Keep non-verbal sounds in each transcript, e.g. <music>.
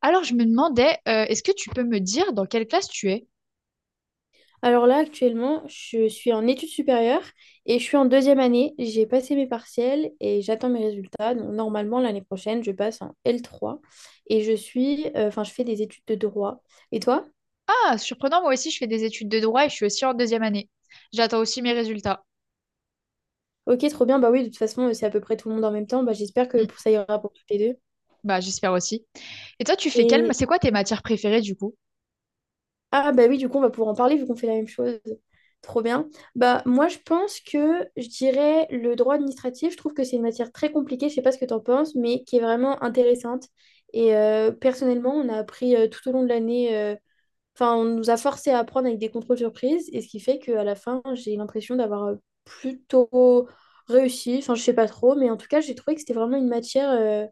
Alors, je me demandais, est-ce que tu peux me dire dans quelle classe tu es? Alors là, actuellement, je suis en études supérieures et je suis en deuxième année. J'ai passé mes partiels et j'attends mes résultats. Donc, normalement, l'année prochaine, je passe en L3 et enfin, je fais des études de droit. Et toi? Ah, surprenant, moi aussi, je fais des études de droit et je suis aussi en deuxième année. J'attends aussi mes résultats. Ok, trop bien. Bah oui, de toute façon, c'est à peu près tout le monde en même temps. Bah, j'espère que Hmm, pour ça ira pour toutes les deux. bah, j'espère aussi. Et toi, tu fais quelle... Et C'est quoi tes matières préférées, du coup? Ah bah oui, du coup, on va pouvoir en parler vu qu'on fait la même chose. Trop bien. Bah moi, je pense que je dirais le droit administratif, je trouve que c'est une matière très compliquée, je sais pas ce que tu en penses, mais qui est vraiment intéressante. Et personnellement, on a appris tout au long de l'année. Enfin, on nous a forcé à apprendre avec des contrôles surprises, et ce qui fait qu'à la fin, j'ai l'impression d'avoir plutôt réussi. Enfin, je sais pas trop, mais en tout cas, j'ai trouvé que c'était vraiment une matière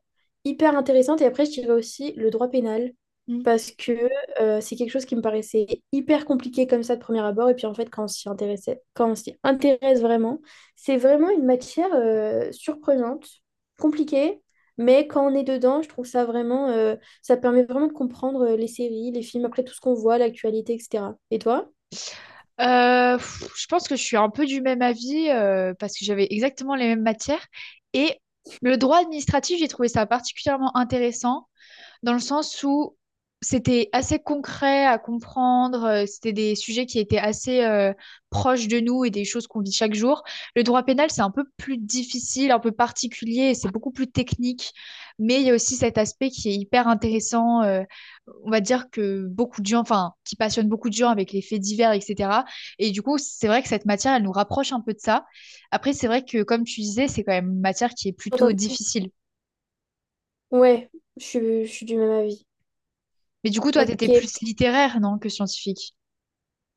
hyper intéressante. Et après, je dirais aussi le droit pénal, Hmm. parce que c'est quelque chose qui me paraissait hyper compliqué comme ça de premier abord. Et puis en fait, quand on s'y intéressait, quand on s'y intéresse vraiment, c'est vraiment une matière surprenante, compliquée, mais quand on est dedans, je trouve ça vraiment. Ça permet vraiment de comprendre les séries, les films, après tout ce qu'on voit, l'actualité, etc. Et toi? Je pense que je suis un peu du même avis parce que j'avais exactement les mêmes matières. Et le droit administratif, j'ai trouvé ça particulièrement intéressant dans le sens où c'était assez concret à comprendre, c'était des sujets qui étaient assez proches de nous et des choses qu'on vit chaque jour. Le droit pénal, c'est un peu plus difficile, un peu particulier, et c'est beaucoup plus technique, mais il y a aussi cet aspect qui est hyper intéressant, on va dire que beaucoup de gens, enfin, qui passionne beaucoup de gens avec les faits divers, etc. Et du coup, c'est vrai que cette matière, elle nous rapproche un peu de ça. Après, c'est vrai que, comme tu disais, c'est quand même une matière qui est plutôt Attends, difficile. ouais, je suis du même avis. Mais du coup, toi, tu étais Ok. plus littéraire, non, que scientifique.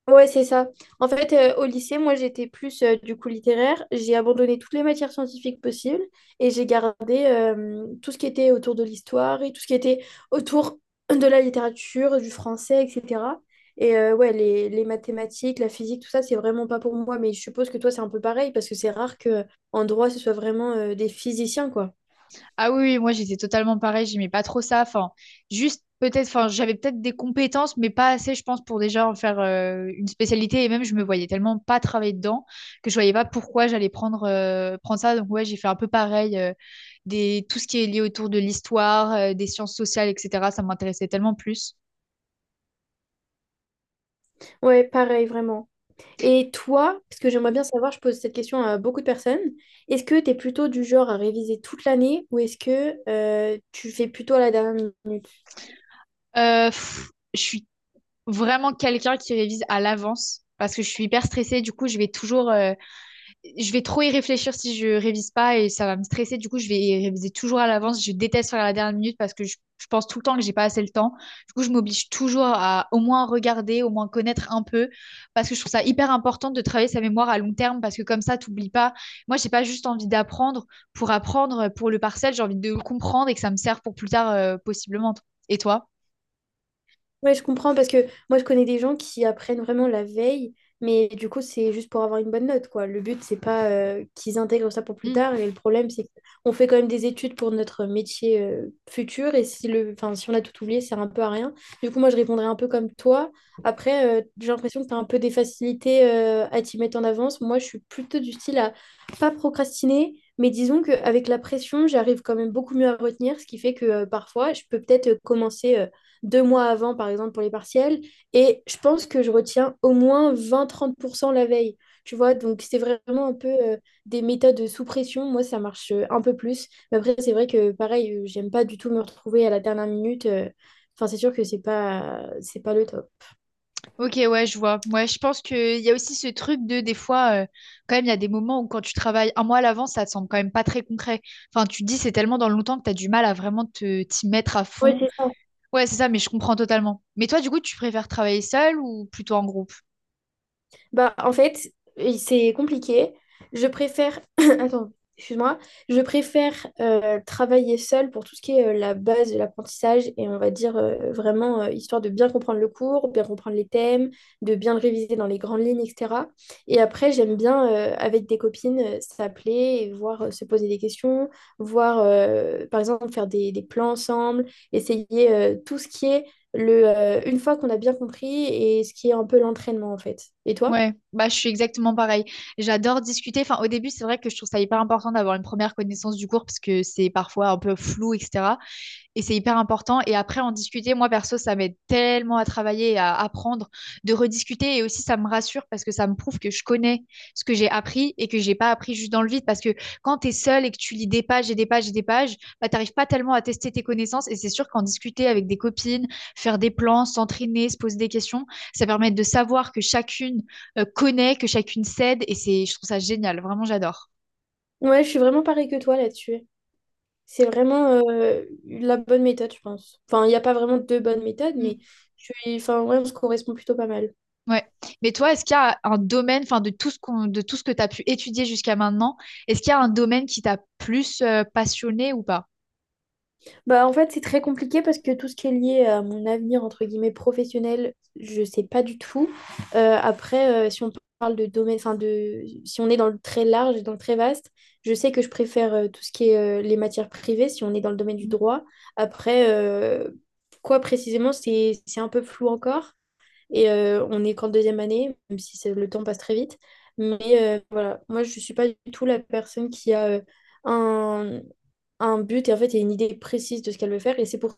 Ouais, c'est ça. En fait, au lycée, moi, j'étais plus du coup littéraire. J'ai abandonné toutes les matières scientifiques possibles et j'ai gardé tout ce qui était autour de l'histoire et tout ce qui était autour de la littérature, du français, etc. Et ouais, les mathématiques, la physique, tout ça, c'est vraiment pas pour moi. Mais je suppose que toi, c'est un peu pareil parce que c'est rare que en droit, ce soit vraiment des physiciens, quoi. Ah oui, oui, moi j'étais totalement pareil, j'aimais pas trop ça. Enfin, juste peut-être, enfin, j'avais peut-être des compétences, mais pas assez, je pense, pour déjà en faire une spécialité. Et même, je me voyais tellement pas travailler dedans que je voyais pas pourquoi j'allais prendre ça. Donc, ouais, j'ai fait un peu pareil. Des, tout ce qui est lié autour de l'histoire, des sciences sociales, etc., ça m'intéressait tellement plus. Ouais, pareil, vraiment. Et toi, parce que j'aimerais bien savoir, je pose cette question à beaucoup de personnes, est-ce que tu es plutôt du genre à réviser toute l'année ou est-ce que tu fais plutôt à la dernière minute? Je suis vraiment quelqu'un qui révise à l'avance parce que je suis hyper stressée. Du coup, je vais toujours. Je vais trop y réfléchir si je révise pas et ça va me stresser. Du coup, je vais y réviser toujours à l'avance. Je déteste faire à la dernière minute parce que je pense tout le temps que j'ai pas assez le temps. Du coup, je m'oblige toujours à au moins regarder, au moins connaître un peu parce que je trouve ça hyper important de travailler sa mémoire à long terme parce que comme ça, t'oublies pas. Moi, j'ai pas juste envie d'apprendre pour apprendre pour le parcel. J'ai envie de le comprendre et que ça me serve pour plus tard, possiblement. Et toi? Ouais, je comprends parce que moi je connais des gens qui apprennent vraiment la veille, mais du coup c'est juste pour avoir une bonne note quoi. Le but c'est pas qu'ils intègrent ça pour plus Mm. tard et le problème c'est qu'on fait quand même des études pour notre métier futur et si le enfin si on a tout oublié, ça sert un peu à rien. Du coup moi je répondrais un peu comme toi. Après j'ai l'impression que tu as un peu des facilités à t'y mettre en avance. Moi je suis plutôt du style à pas procrastiner. Mais disons qu'avec la pression, j'arrive quand même beaucoup mieux à retenir, ce qui fait que parfois, je peux peut-être commencer 2 mois avant, par exemple, pour les partiels. Et je pense que je retiens au moins 20 à 30% la veille. Tu vois, donc c'est vraiment un peu des méthodes sous pression. Moi, ça marche un peu plus. Mais après, c'est vrai que pareil, j'aime pas du tout me retrouver à la dernière minute. Enfin, c'est sûr que c'est pas le top. Ok, ouais, je vois. Moi, je pense qu'il y a aussi ce truc de, des fois, quand même, il y a des moments où quand tu travailles un mois à l'avance, ça te semble quand même pas très concret. Enfin, tu te dis, c'est tellement dans le longtemps que tu as du mal à vraiment t'y mettre à Oui, fond. c'est Ouais, c'est ça, mais je comprends totalement. Mais toi, du coup, tu préfères travailler seul ou plutôt en groupe? Bah, en fait, et c'est compliqué. Je préfère. <coughs> <clears throat> Attends, excuse-moi. Je préfère travailler seule pour tout ce qui est la base de l'apprentissage et on va dire vraiment histoire de bien comprendre le cours, bien comprendre les thèmes, de bien le réviser dans les grandes lignes, etc. Et après, j'aime bien avec des copines s'appeler et voir se poser des questions, voir par exemple faire des plans ensemble, essayer tout ce qui est une fois qu'on a bien compris et ce qui est un peu l'entraînement en fait. Et toi? Ouais, bah, je suis exactement pareil. J'adore discuter. Enfin, au début, c'est vrai que je trouve ça hyper important d'avoir une première connaissance du cours parce que c'est parfois un peu flou, etc. Et c'est hyper important. Et après, en discuter, moi perso, ça m'aide tellement à travailler et à apprendre, de rediscuter. Et aussi, ça me rassure parce que ça me prouve que je connais ce que j'ai appris et que j'ai pas appris juste dans le vide. Parce que quand tu es seul et que tu lis des pages et des pages et des pages, bah, tu n'arrives pas tellement à tester tes connaissances. Et c'est sûr qu'en discuter avec des copines, faire des plans, s'entraîner, se poser des questions, ça permet de savoir que chacune connaît, que chacune cède. Et c'est, je trouve ça génial. Vraiment, j'adore. Ouais, je suis vraiment pareil que toi là-dessus. C'est vraiment la bonne méthode, je pense. Enfin, il n'y a pas vraiment de bonne méthode, Mm. mais enfin, ouais, on se correspond plutôt pas mal. Ouais. Mais toi, est-ce qu'il y a un domaine, enfin de tout de tout ce que tu as pu étudier jusqu'à maintenant, est-ce qu'il y a un domaine qui t'a plus passionné ou pas? Bah, en fait, c'est très compliqué parce que tout ce qui est lié à mon avenir, entre guillemets, professionnel, je sais pas du tout. Après, si on parle de domaine, si on est dans le très large et dans le très vaste, je sais que je préfère tout ce qui est les matières privées, si on est dans le domaine du droit. Après, quoi précisément, c'est un peu flou encore. Et on n'est qu'en deuxième année, même si le temps passe très vite. Mais voilà, moi, je ne suis pas du tout la personne qui a un, un but et en fait, il y a une idée précise de ce qu'elle veut faire. Et c'est pour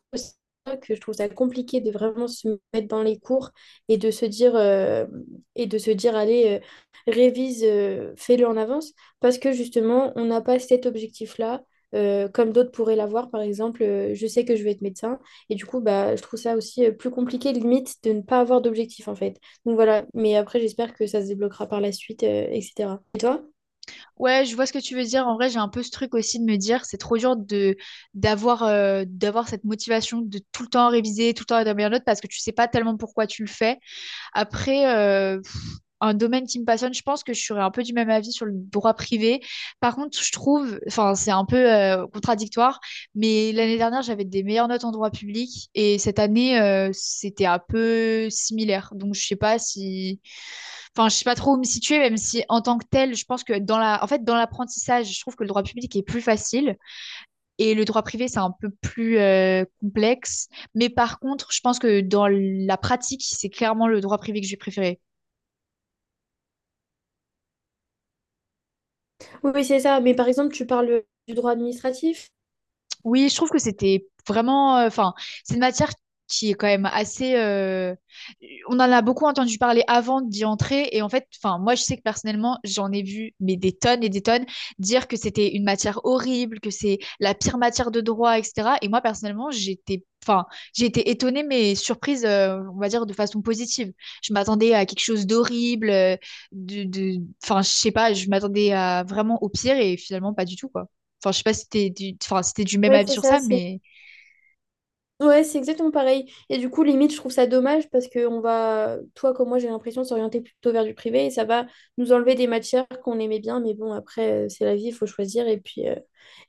ça que je trouve ça compliqué de vraiment se mettre dans les cours et de se dire, et de se dire, allez, révise, fais-le en avance. Parce que justement, on n'a pas cet objectif-là, comme d'autres pourraient l'avoir. Par exemple, je sais que je vais être médecin. Et du coup, bah, je trouve ça aussi plus compliqué, limite, de ne pas avoir d'objectif, en fait. Donc voilà, mais après, j'espère que ça se débloquera par la suite, etc. Et toi? Ouais, je vois ce que tu veux dire. En vrai, j'ai un peu ce truc aussi de me dire, c'est trop dur de d'avoir cette motivation de tout le temps réviser, tout le temps être la meilleure note parce que tu sais pas tellement pourquoi tu le fais. Après, un domaine qui me passionne, je pense que je serais un peu du même avis sur le droit privé. Par contre, je trouve, enfin, c'est un peu contradictoire, mais l'année dernière, j'avais des meilleures notes en droit public et cette année, c'était un peu similaire. Donc, je sais pas si, enfin, je sais pas trop où me situer, même si en tant que tel, je pense que dans en fait, dans l'apprentissage, je trouve que le droit public est plus facile et le droit privé, c'est un peu plus complexe. Mais par contre, je pense que dans la pratique, c'est clairement le droit privé que j'ai préféré. Oui, oui, c'est ça. Mais par exemple, tu parles du droit administratif. Oui, je trouve que c'était vraiment, enfin, c'est une matière qui est quand même assez. On en a beaucoup entendu parler avant d'y entrer, et en fait, enfin, moi, je sais que personnellement, j'en ai vu mais des tonnes et des tonnes dire que c'était une matière horrible, que c'est la pire matière de droit, etc. Et moi, personnellement, j'étais, enfin, j'ai été étonnée mais surprise, on va dire de façon positive. Je m'attendais à quelque chose d'horrible, enfin, je sais pas, je m'attendais à vraiment au pire et finalement pas du tout, quoi. Enfin, je sais pas si t'es du... Enfin, si t'es du même Oui, avis c'est sur ça. ça, C'est mais... Ouais, c'est exactement pareil. Et du coup, limite, je trouve ça dommage parce que on va, toi comme moi, j'ai l'impression de s'orienter plutôt vers du privé et ça va nous enlever des matières qu'on aimait bien. Mais bon, après, c'est la vie, il faut choisir. Et puis, euh,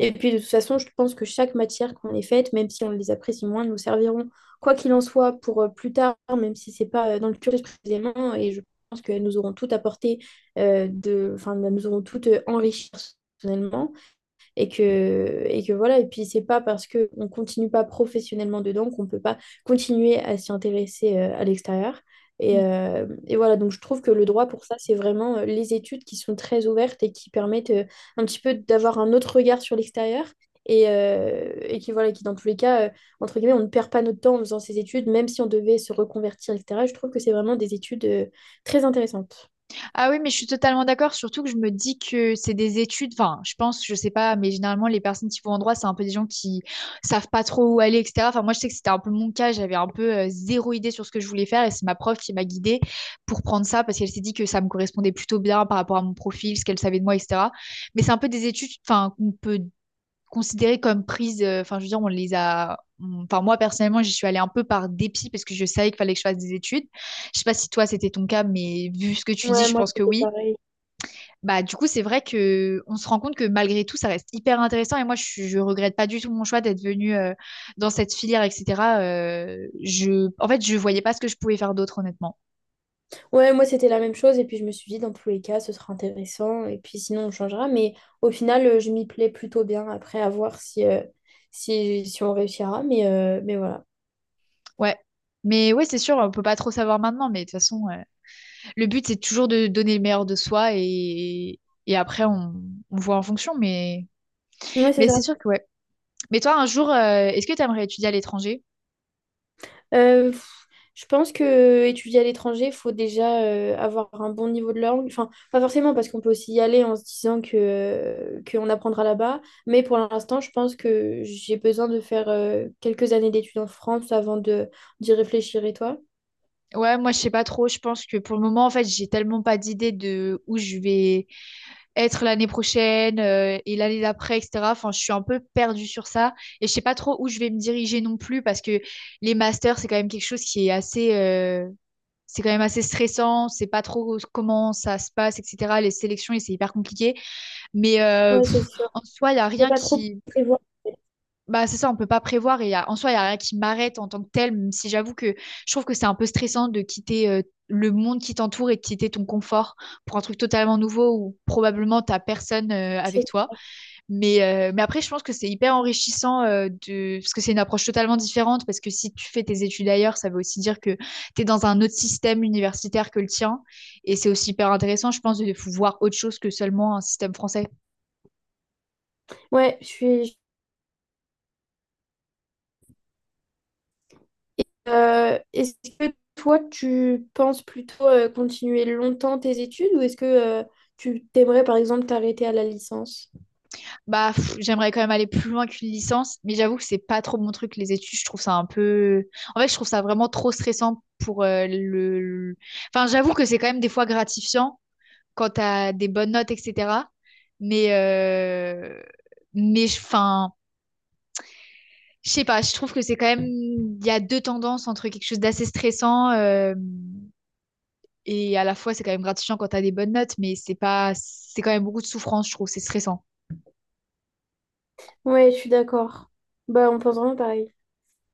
et puis, de toute façon, je pense que chaque matière qu'on ait faite, même si on les apprécie moins, nous serviront, quoi qu'il en soit, pour plus tard, même si c'est pas dans le cursus précisément. Et je pense qu'elles nous auront toutes apporté, enfin, elles nous auront toutes enrichi personnellement et que voilà. Et puis, c'est pas parce qu'on continue pas professionnellement dedans qu'on peut pas continuer à s'y intéresser à l'extérieur. Et, Mm. euh, et voilà, donc je trouve que le droit pour ça, c'est vraiment les études qui sont très ouvertes et qui permettent un petit peu d'avoir un autre regard sur l'extérieur et qui, voilà, qui dans tous les cas, entre guillemets, on ne perd pas notre temps en faisant ces études, même si on devait se reconvertir, etc. Je trouve que c'est vraiment des études très intéressantes. Ah oui, mais je suis totalement d'accord, surtout que je me dis que c'est des études, enfin, je pense, je sais pas, mais généralement, les personnes qui vont en droit, c'est un peu des gens qui savent pas trop où aller, etc. Enfin, moi, je sais que c'était un peu mon cas, j'avais un peu zéro idée sur ce que je voulais faire, et c'est ma prof qui m'a guidée pour prendre ça, parce qu'elle s'est dit que ça me correspondait plutôt bien par rapport à mon profil, ce qu'elle savait de moi, etc. Mais c'est un peu des études, enfin, qu'on peut considérées comme prises. Enfin, je veux dire, on les a. Enfin, moi, personnellement, j'y suis allée un peu par dépit parce que je savais qu'il fallait que je fasse des études. Je sais pas si toi, c'était ton cas, mais vu ce que tu dis, Ouais, je moi pense que c'était oui. pareil. Bah, du coup, c'est vrai que on se rend compte que malgré tout, ça reste hyper intéressant. Et moi, je regrette pas du tout mon choix d'être venue dans cette filière, etc. En fait, je voyais pas ce que je pouvais faire d'autre, honnêtement. Ouais, moi c'était la même chose et puis je me suis dit dans tous les cas ce sera intéressant et puis sinon on changera mais au final je m'y plais plutôt bien après à voir si on réussira mais voilà. Ouais. Mais ouais, c'est sûr, on peut pas trop savoir maintenant, mais de toute façon. Le but, c'est toujours de donner le meilleur de soi et après, on voit en fonction. Ouais c'est Mais c'est ça. sûr que ouais. Mais toi, un jour, est-ce que tu aimerais étudier à l'étranger? Euh, pff, je pense que étudier à l'étranger il faut déjà avoir un bon niveau de langue. Enfin pas forcément parce qu'on peut aussi y aller en se disant que qu'on apprendra là-bas mais pour l'instant je pense que j'ai besoin de faire quelques années d'études en France avant de d'y réfléchir et toi? Ouais, moi, je sais pas trop. Je pense que pour le moment, en fait, j'ai tellement pas d'idée de où je vais être l'année prochaine et l'année d'après, etc. Enfin, je suis un peu perdue sur ça et je sais pas trop où je vais me diriger non plus parce que les masters, c'est quand même quelque chose qui est assez, c'est quand même assez stressant. C'est pas trop comment ça se passe, etc. Les sélections, et c'est hyper compliqué. Mais Ouais, c'est sûr. en soi, il n'y a Faut rien pas trop qui... prévoir. Bah, c'est ça, on peut pas prévoir. Et y a- en soi, il n'y a rien qui m'arrête en tant que tel, même si j'avoue que je trouve que c'est un peu stressant de quitter le monde qui t'entoure et de quitter ton confort pour un truc totalement nouveau où probablement t'as personne avec C'est- toi. Mais après, je pense que c'est hyper enrichissant de... parce que c'est une approche totalement différente. Parce que si tu fais tes études ailleurs, ça veut aussi dire que tu es dans un autre système universitaire que le tien. Et c'est aussi hyper intéressant, je pense, de voir autre chose que seulement un système français. Ouais, je suis. Est-ce que toi, tu penses plutôt continuer longtemps tes études ou est-ce que tu t'aimerais par exemple t'arrêter à la licence? Bah, pff, j'aimerais quand même aller plus loin qu'une licence, mais j'avoue que c'est pas trop mon truc, les études. Je trouve ça un peu. En fait, je trouve ça vraiment trop stressant pour Enfin, j'avoue que c'est quand même des fois gratifiant quand t'as des bonnes notes, etc. Mais. euh, enfin, je sais pas, je trouve que c'est quand même. Il y a deux tendances entre quelque chose d'assez stressant et à la fois, c'est quand même gratifiant quand t'as des bonnes notes, mais c'est pas. C'est quand même beaucoup de souffrance, je trouve, c'est stressant. Ouais, je suis d'accord. Bah, on pense vraiment pareil.